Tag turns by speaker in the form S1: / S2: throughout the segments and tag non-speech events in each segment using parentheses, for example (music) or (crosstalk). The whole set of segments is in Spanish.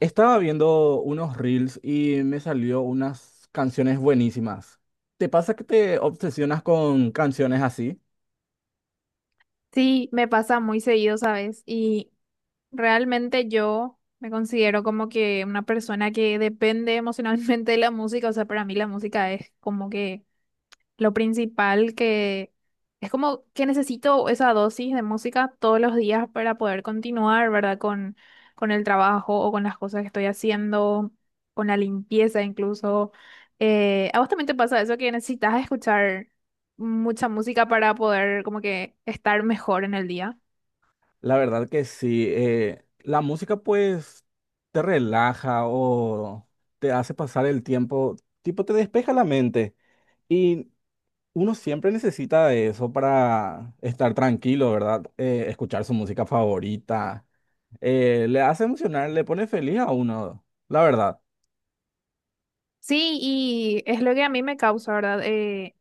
S1: Estaba viendo unos reels y me salió unas canciones buenísimas. ¿Te pasa que te obsesionas con canciones así?
S2: Sí, me pasa muy seguido, ¿sabes? Y realmente yo me considero como que una persona que depende emocionalmente de la música, o sea, para mí la música es como que lo principal que es como que necesito esa dosis de música todos los días para poder continuar, ¿verdad? Con el trabajo o con las cosas que estoy haciendo, con la limpieza incluso. ¿A vos también te pasa eso que necesitas escuchar mucha música para poder como que estar mejor en el día?
S1: La verdad que sí. La música pues te relaja o te hace pasar el tiempo, tipo te despeja la mente. Y uno siempre necesita de eso para estar tranquilo, ¿verdad? Escuchar su música favorita. Le hace emocionar, le pone feliz a uno, la verdad.
S2: Sí, y es lo que a mí me causa, ¿verdad?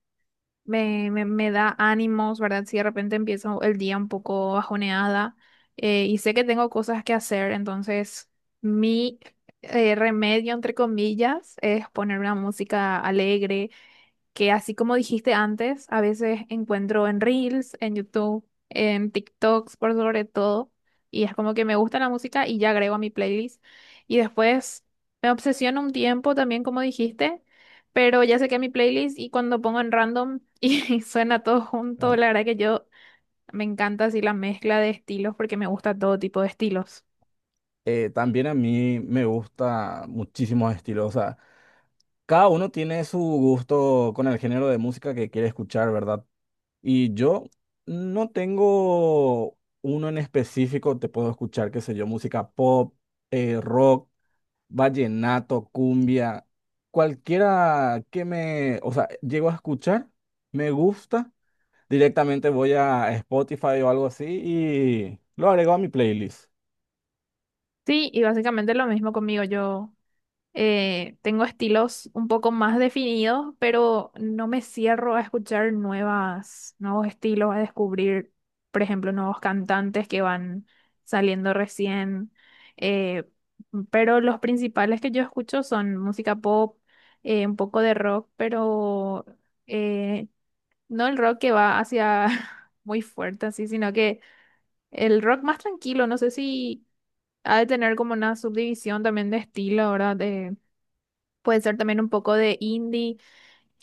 S2: Me da ánimos, ¿verdad? Si de repente empiezo el día un poco bajoneada y sé que tengo cosas que hacer, entonces mi remedio, entre comillas, es poner una música alegre que así como dijiste antes, a veces encuentro en Reels, en YouTube, en TikToks, por sobre todo, y es como que me gusta la música y ya agrego a mi playlist. Y después me obsesiono un tiempo también, como dijiste, pero ya sé que mi playlist y cuando pongo en random (laughs) y suena todo junto, la verdad que yo me encanta así la mezcla de estilos porque me gusta todo tipo de estilos.
S1: También a mí me gusta muchísimos estilos, o sea, cada uno tiene su gusto con el género de música que quiere escuchar, ¿verdad? Y yo no tengo uno en específico, te puedo escuchar, qué sé yo, música pop, rock, vallenato, cumbia, cualquiera que me, o sea, llego a escuchar, me gusta, directamente voy a Spotify o algo así y lo agrego a mi playlist.
S2: Sí, y básicamente lo mismo conmigo, yo. Tengo estilos un poco más definidos, pero no me cierro a escuchar nuevos estilos, a descubrir, por ejemplo, nuevos cantantes que van saliendo recién. eh, pero los principales que yo escucho son música pop, un poco de rock, pero eh, no el rock que va hacia (laughs) muy fuerte así, sino que el rock más tranquilo. No sé si ha de tener como una subdivisión también de estilo, ¿verdad? De puede ser también un poco de indie,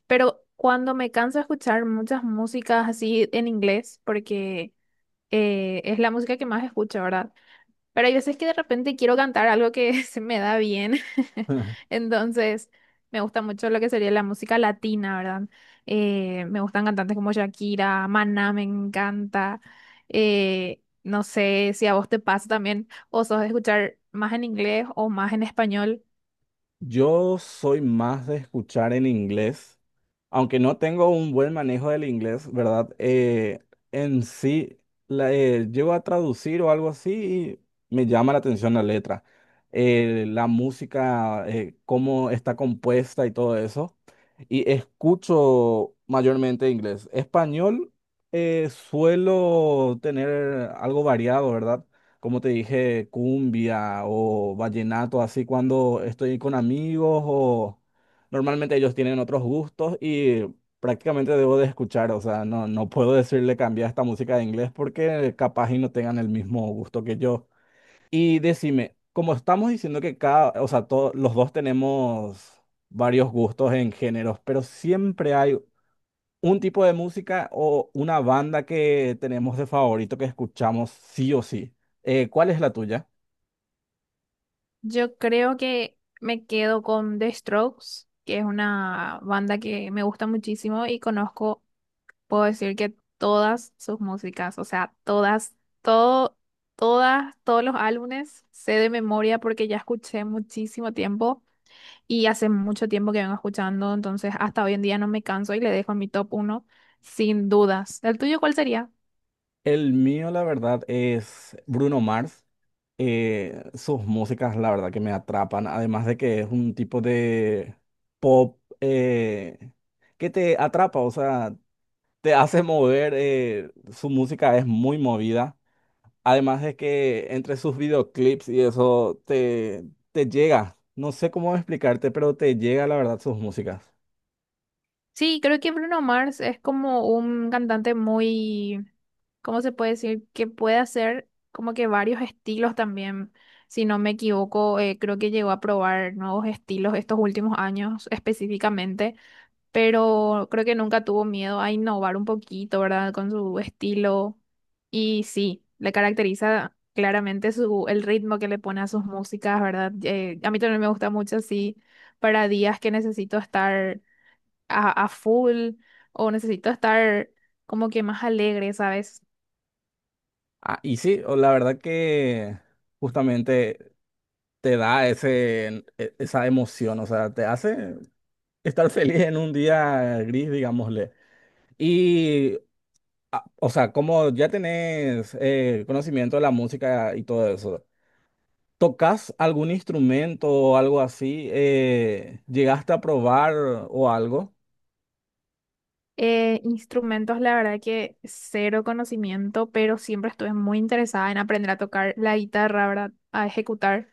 S2: pero cuando me canso de escuchar muchas músicas así en inglés, porque es la música que más escucho, ¿verdad? Pero hay veces que de repente quiero cantar algo que (laughs) se me da bien, (laughs)
S1: (laughs)
S2: entonces me gusta mucho lo que sería la música latina, ¿verdad? Me gustan cantantes como Shakira, Maná me encanta, no sé si a vos te pasa también, o sos de escuchar más en inglés o más en español.
S1: Yo soy más de escuchar en inglés, aunque no tengo un buen manejo del inglés, ¿verdad? En sí, llego a traducir o algo así y me llama la atención la letra. La música, cómo está compuesta y todo eso. Y escucho mayormente inglés. Español, suelo tener algo variado, ¿verdad? Como te dije, cumbia o vallenato, así cuando estoy con amigos o normalmente ellos tienen otros gustos y prácticamente debo de escuchar, o sea, no, no puedo decirle cambiar esta música de inglés porque capaz y no tengan el mismo gusto que yo. Y decime, como estamos diciendo que cada, o sea, los dos tenemos varios gustos en géneros, pero siempre hay un tipo de música o una banda que tenemos de favorito que escuchamos sí o sí. ¿Cuál es la tuya?
S2: Yo creo que me quedo con The Strokes, que es una banda que me gusta muchísimo y conozco, puedo decir que todas sus músicas, o sea, todas, todo, todas, todos los álbumes sé de memoria porque ya escuché muchísimo tiempo y hace mucho tiempo que vengo escuchando, entonces hasta hoy en día no me canso y le dejo en mi top uno sin dudas. ¿El tuyo cuál sería?
S1: El mío, la verdad, es Bruno Mars. Sus músicas, la verdad, que me atrapan. Además de que es un tipo de pop que te atrapa, o sea, te hace mover. Su música es muy movida. Además de que entre sus videoclips y eso te, llega. No sé cómo explicarte, pero te llega la verdad sus músicas.
S2: Sí, creo que Bruno Mars es como un cantante muy, ¿cómo se puede decir? Que puede hacer como que varios estilos también. Si no me equivoco, creo que llegó a probar nuevos estilos estos últimos años específicamente, pero creo que nunca tuvo miedo a innovar un poquito, ¿verdad? Con su estilo. Y sí, le caracteriza claramente su, el ritmo que le pone a sus músicas, ¿verdad? A mí también me gusta mucho así para días que necesito estar a full o necesito estar como que más alegre, ¿sabes?
S1: Ah, y sí, o la verdad que justamente te da ese, esa emoción, o sea, te hace estar (laughs) feliz en un día gris, digámosle. Y, ah, o sea, como ya tenés conocimiento de la música y todo eso. ¿Tocas algún instrumento o algo así? ¿Llegaste a probar o algo?
S2: Instrumentos, la verdad que cero conocimiento, pero siempre estuve muy interesada en aprender a tocar la guitarra, ¿verdad? A ejecutar,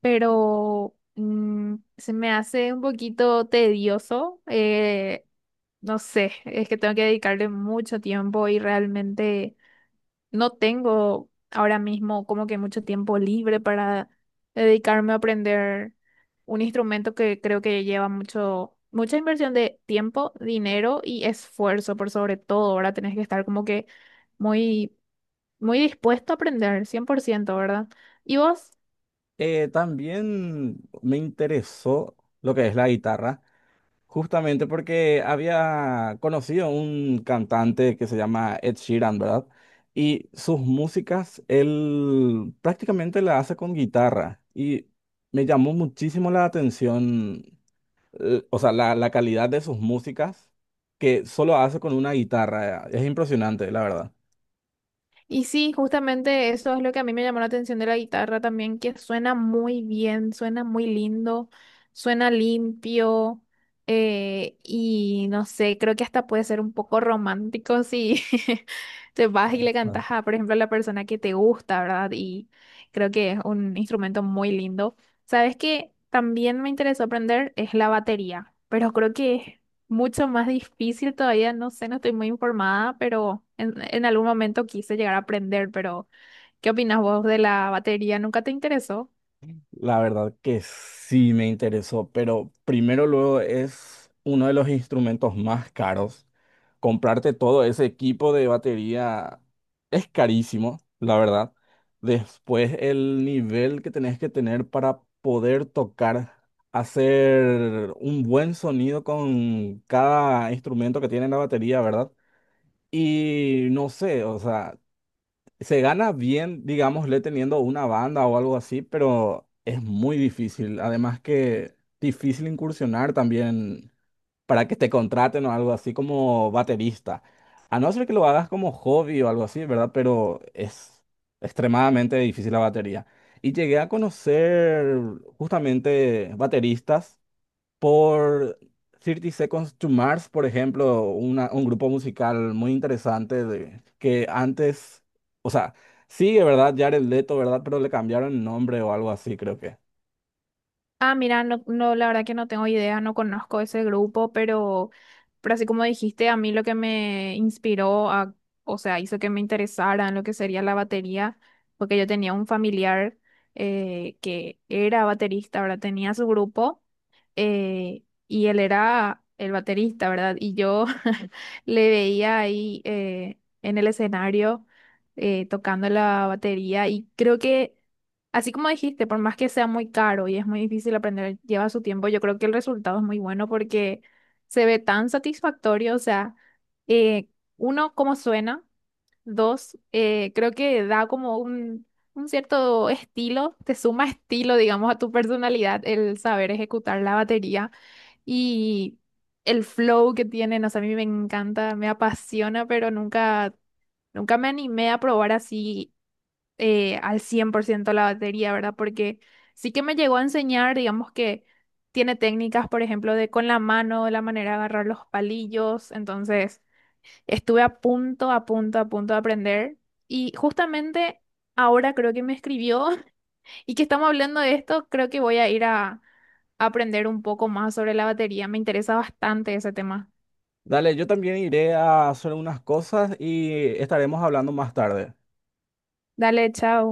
S2: pero se me hace un poquito tedioso, no sé, es que tengo que dedicarle mucho tiempo y realmente... No tengo ahora mismo como que mucho tiempo libre para dedicarme a aprender un instrumento que creo que lleva mucho, mucha inversión de tiempo, dinero y esfuerzo, por sobre todo. Ahora tenés que estar como que muy, muy dispuesto a aprender, cien por ciento, ¿verdad? ¿Y vos?
S1: También me interesó lo que es la guitarra, justamente porque había conocido un cantante que se llama Ed Sheeran, ¿verdad? Y sus músicas él prácticamente la hace con guitarra y me llamó muchísimo la atención, o sea, la calidad de sus músicas que solo hace con una guitarra. Es impresionante, la verdad.
S2: Y sí, justamente eso es lo que a mí me llamó la atención de la guitarra también, que suena muy bien, suena muy lindo, suena limpio, y no sé, creo que hasta puede ser un poco romántico si (laughs) te vas y le cantas a, por ejemplo, a la persona que te gusta, ¿verdad? Y creo que es un instrumento muy lindo. ¿Sabes qué? También me interesó aprender es la batería, pero creo que es mucho más difícil todavía, no sé, no estoy muy informada, pero en algún momento quise llegar a aprender, pero ¿qué opinas vos de la batería? ¿Nunca te interesó?
S1: La verdad que sí me interesó, pero primero luego es uno de los instrumentos más caros. Comprarte todo ese equipo de batería es carísimo, la verdad. Después el nivel que tenés que tener para poder tocar, hacer un buen sonido con cada instrumento que tiene la batería, ¿verdad? Y no sé, o sea... Se gana bien, digámosle, teniendo una banda o algo así, pero es muy difícil. Además que difícil incursionar también para que te contraten o algo así como baterista. A no ser que lo hagas como hobby o algo así, ¿verdad? Pero es extremadamente difícil la batería. Y llegué a conocer justamente bateristas por 30 Seconds to Mars, por ejemplo, un grupo musical muy interesante de, que antes, o sea, sigue, ¿verdad? Jared Leto, ¿verdad? Pero le cambiaron el nombre o algo así, creo que.
S2: Ah, mira, no, no, la verdad que no tengo idea, no conozco ese grupo, pero así como dijiste, a mí lo que me inspiró a, o sea, hizo que me interesara en lo que sería la batería, porque yo tenía un familiar que era baterista, ¿verdad? Tenía su grupo eh, y él era el baterista, ¿verdad? Y yo (laughs) le veía ahí en el escenario tocando la batería y creo que, así como dijiste, por más que sea muy caro y es muy difícil aprender, lleva su tiempo, yo creo que el resultado es muy bueno porque se ve tan satisfactorio, o sea, eh, uno, cómo suena, dos, creo que da como un cierto estilo, te suma estilo, digamos, a tu personalidad el saber ejecutar la batería y el flow que tiene, no sé, a mí me encanta, me apasiona, pero nunca, nunca me animé a probar así al 100% la batería, ¿verdad? Porque sí que me llegó a enseñar, digamos que tiene técnicas, por ejemplo, de con la mano, la manera de agarrar los palillos. Entonces, estuve a punto, a punto, a punto de aprender. Y justamente ahora creo que me escribió (laughs) y que estamos hablando de esto, creo que voy a ir a aprender un poco más sobre la batería. Me interesa bastante ese tema.
S1: Dale, yo también iré a hacer unas cosas y estaremos hablando más tarde.
S2: Dale, chao.